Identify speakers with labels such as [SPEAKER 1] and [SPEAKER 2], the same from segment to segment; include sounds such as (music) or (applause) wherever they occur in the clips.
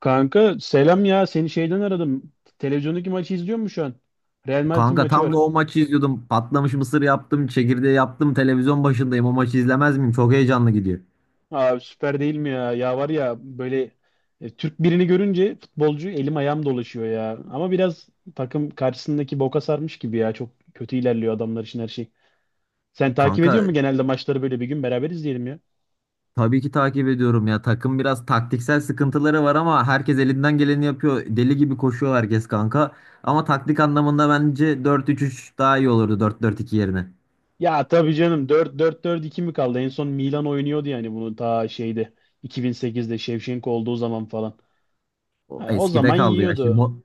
[SPEAKER 1] Kanka selam ya seni şeyden aradım. Televizyondaki maçı izliyor musun şu an? Real Madrid'in
[SPEAKER 2] Kanka
[SPEAKER 1] maçı
[SPEAKER 2] tam
[SPEAKER 1] var.
[SPEAKER 2] da o maçı izliyordum. Patlamış mısır yaptım, çekirdeği yaptım. Televizyon başındayım. O maçı izlemez miyim? Çok heyecanlı gidiyor.
[SPEAKER 1] Abi süper değil mi ya? Ya var ya böyle Türk birini görünce futbolcu elim ayağım dolaşıyor ya. Ama biraz takım karşısındaki boka sarmış gibi ya. Çok kötü ilerliyor adamlar için her şey. Sen takip ediyor
[SPEAKER 2] Kanka
[SPEAKER 1] musun genelde maçları? Böyle bir gün beraber izleyelim ya.
[SPEAKER 2] tabii ki takip ediyorum ya. Takım biraz taktiksel sıkıntıları var ama herkes elinden geleni yapıyor. Deli gibi koşuyor herkes kanka. Ama taktik anlamında bence 4-3-3 daha iyi olurdu 4-4-2 yerine.
[SPEAKER 1] Ya tabii canım, 4 4 4 iki mi kaldı? En son Milan oynuyordu yani bunu ta şeyde 2008'de Şevçenko olduğu zaman falan.
[SPEAKER 2] O
[SPEAKER 1] Ha, o
[SPEAKER 2] eskide
[SPEAKER 1] zaman
[SPEAKER 2] kaldı ya. Şimdi
[SPEAKER 1] yiyordu.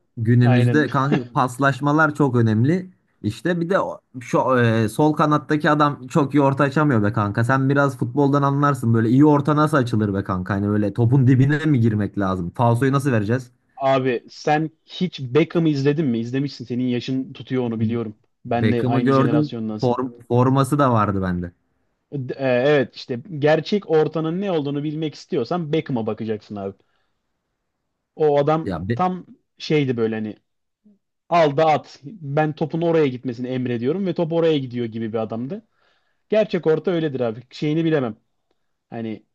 [SPEAKER 1] Aynen.
[SPEAKER 2] günümüzde
[SPEAKER 1] (laughs)
[SPEAKER 2] kanka paslaşmalar çok önemli. İşte bir de şu sol kanattaki adam çok iyi orta açamıyor be kanka. Sen biraz futboldan anlarsın. Böyle iyi orta nasıl açılır be kanka? Hani böyle topun dibine mi girmek lazım? Falsoyu nasıl vereceğiz?
[SPEAKER 1] Abi sen hiç Beckham'ı izledin mi? İzlemişsin. Senin yaşın tutuyor, onu biliyorum. Benle
[SPEAKER 2] Beckham'ı
[SPEAKER 1] aynı
[SPEAKER 2] gördüm.
[SPEAKER 1] jenerasyondansın.
[SPEAKER 2] Forması da vardı bende.
[SPEAKER 1] Evet, işte gerçek ortanın ne olduğunu bilmek istiyorsan Beckham'a bakacaksın abi. O adam
[SPEAKER 2] Ya Be-
[SPEAKER 1] tam şeydi, böyle hani al da at. Ben topun oraya gitmesini emrediyorum ve top oraya gidiyor gibi bir adamdı. Gerçek orta öyledir abi. Şeyini bilemem. Hani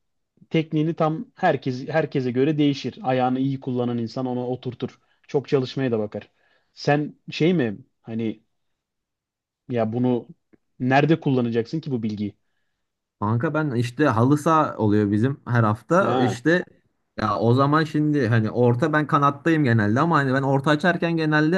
[SPEAKER 1] tekniğini tam herkes herkese göre değişir. Ayağını iyi kullanan insan ona oturtur. Çok çalışmaya da bakar. Sen şey mi? Hani ya bunu nerede kullanacaksın ki bu bilgiyi?
[SPEAKER 2] Kanka ben işte halı saha oluyor bizim her hafta.
[SPEAKER 1] Ha.
[SPEAKER 2] İşte ya o zaman şimdi hani orta ben kanattayım genelde ama hani ben orta açarken genelde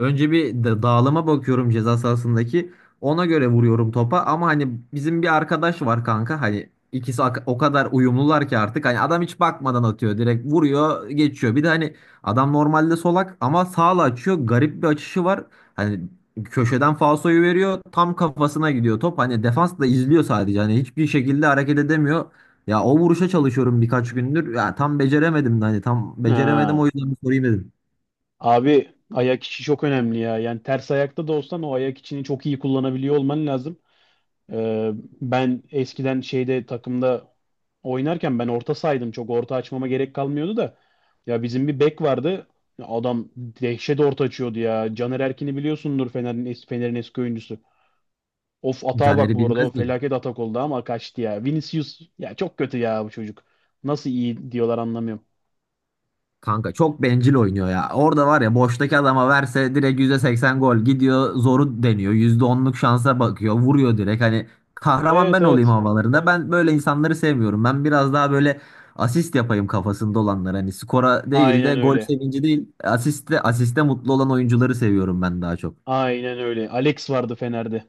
[SPEAKER 2] önce bir dağılıma bakıyorum ceza sahasındaki. Ona göre vuruyorum topa ama hani bizim bir arkadaş var kanka hani ikisi o kadar uyumlular ki artık hani adam hiç bakmadan atıyor direkt vuruyor geçiyor. Bir de hani adam normalde solak ama sağla açıyor garip bir açışı var. Hani köşeden falsoyu veriyor. Tam kafasına gidiyor top. Hani defans da izliyor sadece. Hani hiçbir şekilde hareket edemiyor. Ya o vuruşa çalışıyorum birkaç gündür. Ya tam beceremedim de hani tam beceremedim o
[SPEAKER 1] Ha.
[SPEAKER 2] yüzden bir sorayım dedim.
[SPEAKER 1] Abi ayak içi çok önemli ya. Yani ters ayakta da olsan o ayak içini çok iyi kullanabiliyor olman lazım. Ee, ben eskiden şeyde takımda oynarken ben orta saydım. Çok orta açmama gerek kalmıyordu da. Ya bizim bir bek vardı. Ya adam dehşet orta açıyordu ya. Caner Erkin'i biliyorsundur Fener'in, Fener'in eski oyuncusu. Of, atağa bak
[SPEAKER 2] Caner'i
[SPEAKER 1] bu arada. O
[SPEAKER 2] bilmez miyim?
[SPEAKER 1] felaket atak oldu ama kaçtı ya. Vinicius ya çok kötü ya bu çocuk. Nasıl iyi diyorlar anlamıyorum.
[SPEAKER 2] Kanka çok bencil oynuyor ya. Orada var ya boştaki adama verse direkt %80 gol gidiyor, zoru deniyor. %10'luk şansa bakıyor vuruyor direkt. Hani kahraman
[SPEAKER 1] Evet,
[SPEAKER 2] ben olayım
[SPEAKER 1] evet.
[SPEAKER 2] havalarında. Ben böyle insanları sevmiyorum. Ben biraz daha böyle asist yapayım kafasında olanlar. Hani skora değil de
[SPEAKER 1] Aynen
[SPEAKER 2] gol
[SPEAKER 1] öyle.
[SPEAKER 2] sevinci değil, asiste mutlu olan oyuncuları seviyorum ben daha çok.
[SPEAKER 1] Aynen öyle. Alex vardı Fener'de.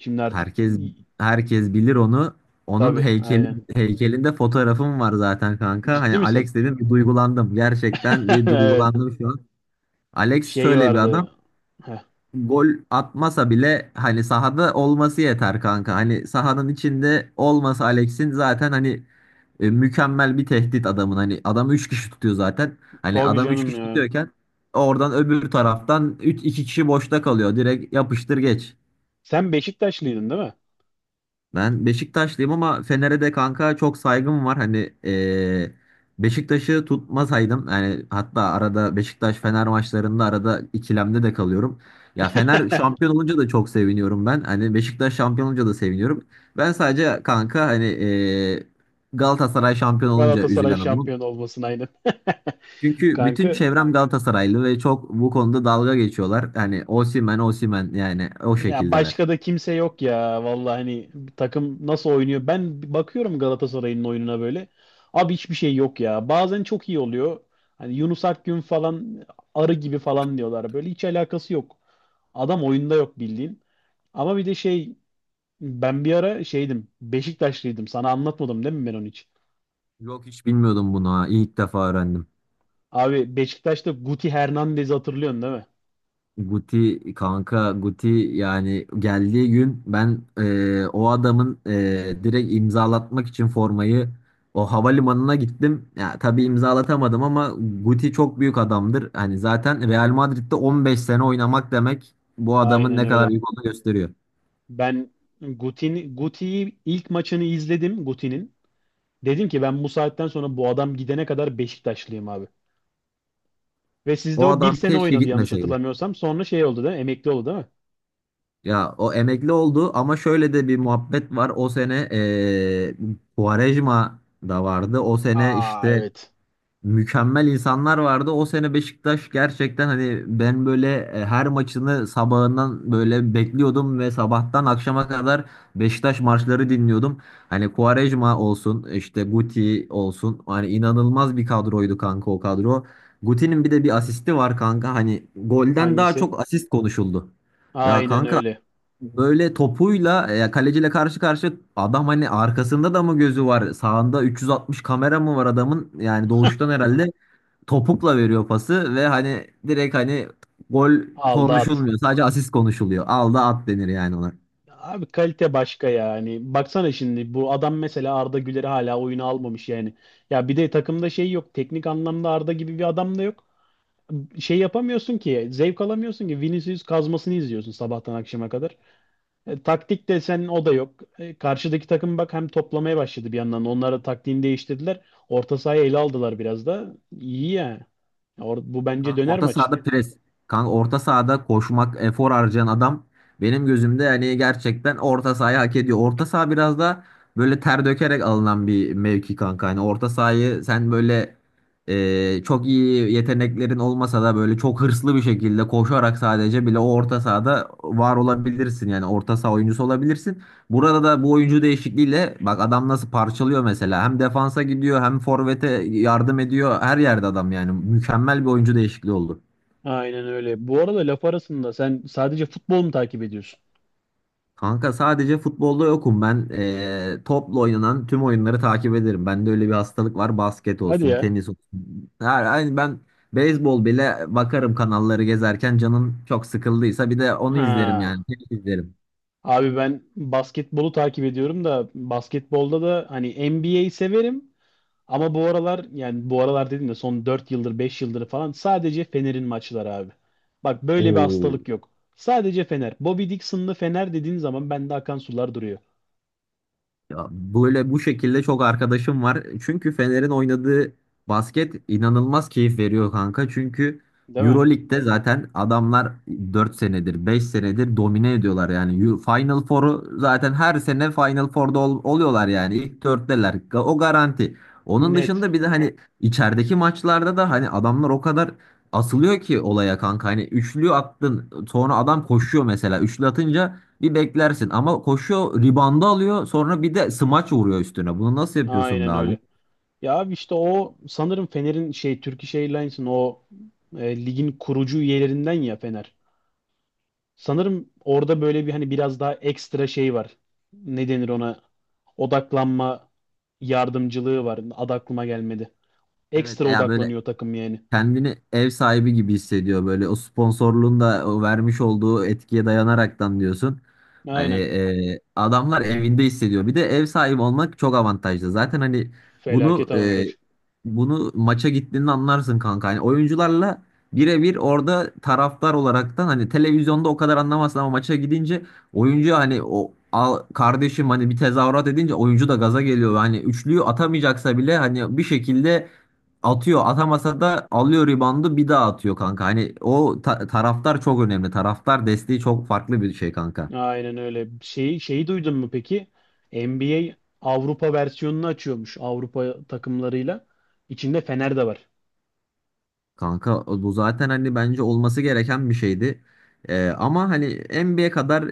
[SPEAKER 1] Şimdi artık
[SPEAKER 2] Herkes herkes bilir onu. Onun
[SPEAKER 1] tabii,
[SPEAKER 2] heykeli,
[SPEAKER 1] aynen.
[SPEAKER 2] heykelinde fotoğrafım var zaten kanka.
[SPEAKER 1] Ciddi
[SPEAKER 2] Hani
[SPEAKER 1] misin?
[SPEAKER 2] Alex dedim bir duygulandım. Gerçekten bir
[SPEAKER 1] (laughs)
[SPEAKER 2] duygulandım şu. Alex
[SPEAKER 1] Şey
[SPEAKER 2] şöyle bir adam.
[SPEAKER 1] vardı. Heh,
[SPEAKER 2] Gol atmasa bile hani sahada olması yeter kanka. Hani sahanın içinde olmasa Alex'in zaten hani mükemmel bir tehdit adamın. Hani adam 3 kişi tutuyor zaten. Hani
[SPEAKER 1] tabii
[SPEAKER 2] adam 3
[SPEAKER 1] canım
[SPEAKER 2] kişi
[SPEAKER 1] ya.
[SPEAKER 2] tutuyorken oradan öbür taraftan 3 2 kişi boşta kalıyor. Direkt yapıştır geç.
[SPEAKER 1] Sen Beşiktaşlıydın değil mi?
[SPEAKER 2] Ben Beşiktaşlıyım ama Fener'e de kanka çok saygım var. Hani Beşiktaş'ı tutmasaydım yani, hatta arada Beşiktaş Fener maçlarında arada ikilemde de kalıyorum. Ya Fener
[SPEAKER 1] (laughs)
[SPEAKER 2] şampiyon olunca da çok seviniyorum ben. Hani Beşiktaş şampiyon olunca da seviniyorum. Ben sadece kanka hani Galatasaray şampiyon olunca
[SPEAKER 1] Galatasaray
[SPEAKER 2] üzülen adamım.
[SPEAKER 1] şampiyon olmasın, aynen. (laughs)
[SPEAKER 2] Çünkü bütün
[SPEAKER 1] Kanka
[SPEAKER 2] çevrem Galatasaraylı ve çok bu konuda dalga geçiyorlar. Hani Osimhen Osimhen yani, o
[SPEAKER 1] ya
[SPEAKER 2] şekildeler.
[SPEAKER 1] başka da kimse yok ya. Vallahi hani takım nasıl oynuyor? Ben bakıyorum Galatasaray'ın oyununa böyle. Abi hiçbir şey yok ya. Bazen çok iyi oluyor. Hani Yunus Akgün falan arı gibi falan diyorlar. Böyle hiç alakası yok. Adam oyunda yok, bildiğin. Ama bir de şey, ben bir ara şeydim, Beşiktaşlıydım. Sana anlatmadım değil mi ben onu hiç?
[SPEAKER 2] Yok, hiç bilmiyordum bunu ha. İlk defa öğrendim.
[SPEAKER 1] Abi Beşiktaş'ta Guti Hernandez'i hatırlıyorsun değil mi?
[SPEAKER 2] Guti kanka, Guti yani geldiği gün ben o adamın direkt imzalatmak için formayı o havalimanına gittim. Ya tabii imzalatamadım ama Guti çok büyük adamdır. Hani zaten Real Madrid'de 15 sene oynamak demek bu adamın
[SPEAKER 1] Aynen
[SPEAKER 2] ne kadar
[SPEAKER 1] öyle.
[SPEAKER 2] büyük olduğunu gösteriyor.
[SPEAKER 1] Ben Guti'yi ilk maçını izledim Guti'nin. Dedim ki ben bu saatten sonra bu adam gidene kadar Beşiktaşlıyım abi. Ve sizde
[SPEAKER 2] O
[SPEAKER 1] o bir
[SPEAKER 2] adam
[SPEAKER 1] sene
[SPEAKER 2] keşke
[SPEAKER 1] oynadı yanlış
[SPEAKER 2] gitmeseydi.
[SPEAKER 1] hatırlamıyorsam. Sonra şey oldu değil mi? Emekli oldu değil mi?
[SPEAKER 2] Ya o emekli oldu ama şöyle de bir muhabbet var. O sene Quaresma da vardı. O sene
[SPEAKER 1] Aa,
[SPEAKER 2] işte
[SPEAKER 1] evet.
[SPEAKER 2] mükemmel insanlar vardı. O sene Beşiktaş gerçekten, hani, ben böyle her maçını sabahından böyle bekliyordum ve sabahtan akşama kadar Beşiktaş maçları dinliyordum. Hani Quaresma olsun, işte Guti olsun. Hani inanılmaz bir kadroydu kanka, o kadro. Guti'nin bir de bir asisti var kanka. Hani golden daha
[SPEAKER 1] Hangisi?
[SPEAKER 2] çok asist konuşuldu. Ya
[SPEAKER 1] Aynen
[SPEAKER 2] kanka,
[SPEAKER 1] öyle.
[SPEAKER 2] böyle topuyla kaleciyle karşı karşı adam, hani arkasında da mı gözü var? Sağında 360 kamera mı var adamın? Yani doğuştan herhalde topukla veriyor pası ve hani direkt, hani gol
[SPEAKER 1] Aldat.
[SPEAKER 2] konuşulmuyor. Sadece asist konuşuluyor. Al da at denir yani ona.
[SPEAKER 1] Abi kalite başka yani. Baksana, şimdi bu adam mesela Arda Güler'i hala oyuna almamış yani. Ya bir de takımda şey yok. Teknik anlamda Arda gibi bir adam da yok. Şey yapamıyorsun ki, zevk alamıyorsun ki, Vinicius kazmasını izliyorsun sabahtan akşama kadar. Taktik de sen o da yok. Karşıdaki takım bak hem toplamaya başladı bir yandan. Onlara taktiğini değiştirdiler. Orta sahayı ele aldılar biraz da. İyi ya. Bu bence
[SPEAKER 2] Kanka
[SPEAKER 1] döner
[SPEAKER 2] orta
[SPEAKER 1] maç.
[SPEAKER 2] sahada pres. Kanka orta sahada koşmak, efor harcayan adam benim gözümde yani gerçekten orta sahayı hak ediyor. Orta saha biraz da böyle ter dökerek alınan bir mevki kanka. Yani orta sahayı sen böyle çok iyi yeteneklerin olmasa da böyle çok hırslı bir şekilde koşarak sadece bile o orta sahada var olabilirsin. Yani orta saha oyuncusu olabilirsin. Burada da bu oyuncu değişikliğiyle bak adam nasıl parçalıyor mesela. Hem defansa gidiyor hem forvete yardım ediyor. Her yerde adam yani. Mükemmel bir oyuncu değişikliği oldu.
[SPEAKER 1] Aynen öyle. Bu arada laf arasında sen sadece futbol mu takip ediyorsun?
[SPEAKER 2] Kanka sadece futbolda yokum ben. Topla oynanan tüm oyunları takip ederim. Bende öyle bir hastalık var. Basket
[SPEAKER 1] Hadi
[SPEAKER 2] olsun,
[SPEAKER 1] ya.
[SPEAKER 2] tenis olsun. Her, aynı ben beyzbol bile bakarım, kanalları gezerken canım çok sıkıldıysa bir de onu izlerim
[SPEAKER 1] Ha.
[SPEAKER 2] yani. Tenis izlerim.
[SPEAKER 1] Abi ben basketbolu takip ediyorum da, basketbolda da hani NBA severim. Ama bu aralar, yani bu aralar dedim de, son 4 yıldır 5 yıldır falan sadece Fener'in maçları abi. Bak, böyle bir
[SPEAKER 2] Oo.
[SPEAKER 1] hastalık yok. Sadece Fener. Bobby Dixon'lı Fener dediğin zaman bende akan sular duruyor.
[SPEAKER 2] Ya böyle bu şekilde çok arkadaşım var. Çünkü Fener'in oynadığı basket inanılmaz keyif veriyor kanka. Çünkü
[SPEAKER 1] Değil mi?
[SPEAKER 2] Euroleague'de zaten adamlar 4 senedir, 5 senedir domine ediyorlar yani. Final Four'u zaten her sene Final Four'da oluyorlar yani. İlk 4'teler. O garanti. Onun
[SPEAKER 1] Net.
[SPEAKER 2] dışında bir de hani içerideki maçlarda da hani adamlar o kadar asılıyor ki olaya kanka. Hani üçlü attın, sonra adam koşuyor mesela. Üçlü atınca bir beklersin ama koşuyor, ribanda alıyor, sonra bir de smaç vuruyor üstüne. Bunu nasıl yapıyorsun be
[SPEAKER 1] Aynen
[SPEAKER 2] abi?
[SPEAKER 1] öyle. Ya abi işte o sanırım Fener'in şey, Turkish Airlines'ın o ligin kurucu üyelerinden ya Fener. Sanırım orada böyle bir hani biraz daha ekstra şey var. Ne denir ona? Odaklanma yardımcılığı var. Adı aklıma gelmedi.
[SPEAKER 2] Evet
[SPEAKER 1] Ekstra
[SPEAKER 2] ya böyle
[SPEAKER 1] odaklanıyor takım yani.
[SPEAKER 2] kendini ev sahibi gibi hissediyor, böyle o sponsorluğun da o vermiş olduğu etkiye dayanaraktan diyorsun. Hani
[SPEAKER 1] Aynen.
[SPEAKER 2] adamlar evinde hissediyor. Bir de ev sahibi olmak çok avantajlı. Zaten hani bunu
[SPEAKER 1] Felaket
[SPEAKER 2] e,
[SPEAKER 1] avantaj.
[SPEAKER 2] bunu maça gittiğinde anlarsın kanka. Hani oyuncularla birebir orada taraftar olaraktan, hani televizyonda o kadar anlamazsın ama maça gidince oyuncu hani o, al kardeşim, hani bir tezahürat edince oyuncu da gaza geliyor. Hani üçlüyü atamayacaksa bile hani bir şekilde atıyor, atamasa da alıyor ribandı, bir daha atıyor kanka. Hani o taraftar çok önemli. Taraftar desteği çok farklı bir şey kanka.
[SPEAKER 1] Aynen öyle. Şeyi duydun mu peki? NBA Avrupa versiyonunu açıyormuş Avrupa takımlarıyla. İçinde Fener de var.
[SPEAKER 2] Kanka bu zaten hani bence olması gereken bir şeydi. Ama hani NBA kadar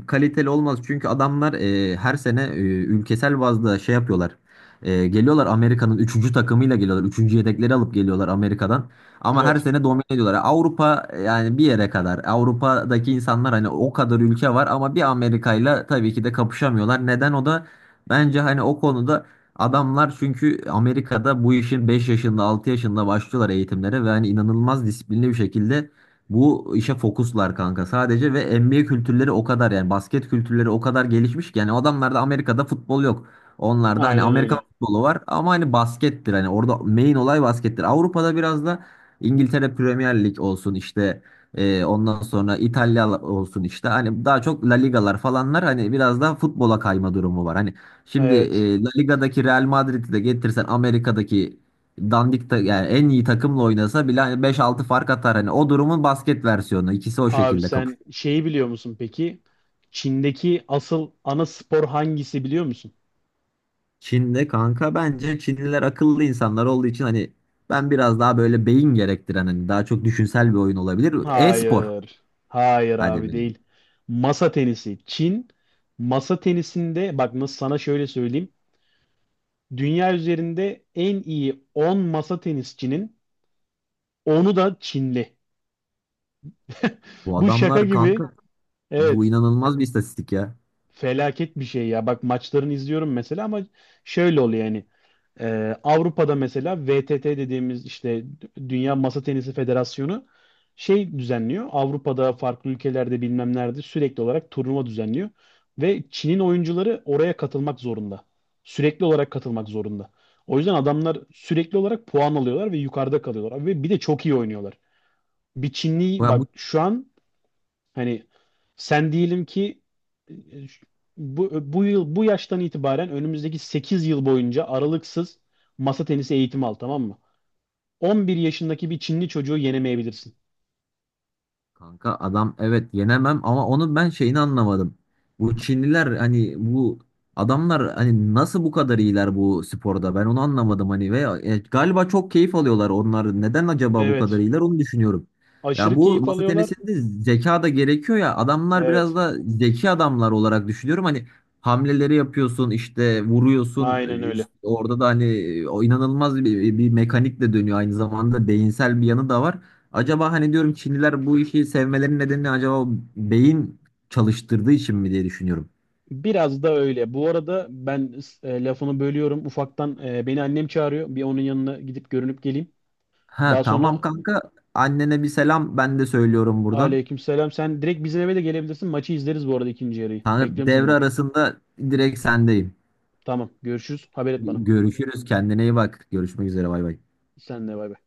[SPEAKER 2] kaliteli olmaz. Çünkü adamlar her sene ülkesel bazda şey yapıyorlar. Geliyorlar Amerika'nın üçüncü takımıyla geliyorlar. Üçüncü yedekleri alıp geliyorlar Amerika'dan. Ama her
[SPEAKER 1] Evet.
[SPEAKER 2] sene domine ediyorlar. Avrupa yani bir yere kadar. Avrupa'daki insanlar hani o kadar ülke var ama bir Amerika'yla tabii ki de kapışamıyorlar. Neden o da bence hani o konuda. Adamlar çünkü Amerika'da bu işin 5 yaşında 6 yaşında başlıyorlar eğitimlere ve hani inanılmaz disiplinli bir şekilde bu işe fokuslar kanka sadece, ve NBA kültürleri o kadar, yani basket kültürleri o kadar gelişmiş ki yani. O adamlarda, Amerika'da futbol yok. Onlarda hani
[SPEAKER 1] Aynen
[SPEAKER 2] Amerikan
[SPEAKER 1] öyle.
[SPEAKER 2] futbolu var ama hani baskettir, hani orada main olay baskettir. Avrupa'da biraz da İngiltere Premier Lig olsun işte ondan sonra İtalya olsun işte, hani daha çok La Ligalar falanlar hani biraz daha futbola kayma durumu var. Hani şimdi
[SPEAKER 1] Evet.
[SPEAKER 2] La Liga'daki Real Madrid'i de getirsen Amerika'daki dandik yani en iyi takımla oynasa bile hani 5-6 fark atar. Hani o durumun basket versiyonu. İkisi o
[SPEAKER 1] Abi
[SPEAKER 2] şekilde
[SPEAKER 1] sen
[SPEAKER 2] kapışıyor.
[SPEAKER 1] şeyi biliyor musun peki? Çin'deki asıl ana spor hangisi biliyor musun?
[SPEAKER 2] Çin'de kanka bence Çinliler akıllı insanlar olduğu için hani ben biraz daha böyle beyin gerektiren, hani daha çok düşünsel bir oyun olabilir. E-spor.
[SPEAKER 1] Hayır. Hayır
[SPEAKER 2] Hadi
[SPEAKER 1] abi,
[SPEAKER 2] be.
[SPEAKER 1] değil. Masa tenisi. Çin masa tenisinde, bak nasıl, sana şöyle söyleyeyim. Dünya üzerinde en iyi 10 masa tenisçinin onu da Çinli.
[SPEAKER 2] Bu
[SPEAKER 1] Bu şaka
[SPEAKER 2] adamlar
[SPEAKER 1] gibi.
[SPEAKER 2] kanka, bu
[SPEAKER 1] Evet.
[SPEAKER 2] inanılmaz bir istatistik ya.
[SPEAKER 1] Felaket bir şey ya. Bak maçlarını izliyorum mesela ama şöyle oluyor yani. Avrupa'da mesela VTT dediğimiz işte Dünya Masa Tenisi Federasyonu şey düzenliyor. Avrupa'da farklı ülkelerde bilmem nerede sürekli olarak turnuva düzenliyor. Ve Çin'in oyuncuları oraya katılmak zorunda. Sürekli olarak katılmak zorunda. O yüzden adamlar sürekli olarak puan alıyorlar ve yukarıda kalıyorlar. Ve bir de çok iyi oynuyorlar. Bir Çinli
[SPEAKER 2] Ya
[SPEAKER 1] bak
[SPEAKER 2] bu
[SPEAKER 1] şu an. Hani sen diyelim ki e, ş- bu yıl bu yaştan itibaren önümüzdeki 8 yıl boyunca aralıksız masa tenisi eğitimi al, tamam mı? 11 yaşındaki bir Çinli çocuğu yenemeyebilirsin.
[SPEAKER 2] kanka adam, evet yenemem ama onun ben şeyini anlamadım. Bu Çinliler, hani bu adamlar hani nasıl bu kadar iyiler bu sporda, ben onu anlamadım hani ve galiba çok keyif alıyorlar onlar. Neden acaba bu kadar
[SPEAKER 1] Evet.
[SPEAKER 2] iyiler onu düşünüyorum. Ya
[SPEAKER 1] Aşırı
[SPEAKER 2] bu
[SPEAKER 1] keyif
[SPEAKER 2] masa
[SPEAKER 1] alıyorlar.
[SPEAKER 2] tenisinde zeka da gerekiyor ya, adamlar biraz
[SPEAKER 1] Evet.
[SPEAKER 2] da zeki adamlar olarak düşünüyorum. Hani hamleleri yapıyorsun işte, vuruyorsun
[SPEAKER 1] Aynen
[SPEAKER 2] e,
[SPEAKER 1] öyle.
[SPEAKER 2] orada da hani, o inanılmaz bir mekanik de dönüyor aynı zamanda, beyinsel bir yanı da var. Acaba hani diyorum, Çinliler bu işi sevmelerinin nedeni acaba beyin çalıştırdığı için mi diye düşünüyorum.
[SPEAKER 1] Biraz da öyle. Bu arada ben, lafını bölüyorum. Ufaktan, beni annem çağırıyor. Bir onun yanına gidip görünüp geleyim.
[SPEAKER 2] Ha
[SPEAKER 1] Daha
[SPEAKER 2] tamam
[SPEAKER 1] sonra
[SPEAKER 2] kanka, annene bir selam ben de söylüyorum buradan.
[SPEAKER 1] aleykümselam. Sen direkt bizim eve de gelebilirsin. Maçı izleriz bu arada, ikinci yarıyı.
[SPEAKER 2] Kanka
[SPEAKER 1] Bekliyorum seni
[SPEAKER 2] devre
[SPEAKER 1] ben.
[SPEAKER 2] arasında direkt sendeyim.
[SPEAKER 1] Tamam. Görüşürüz. Haber et bana.
[SPEAKER 2] Görüşürüz, kendine iyi bak. Görüşmek üzere, bay bay.
[SPEAKER 1] Sen de bay bay.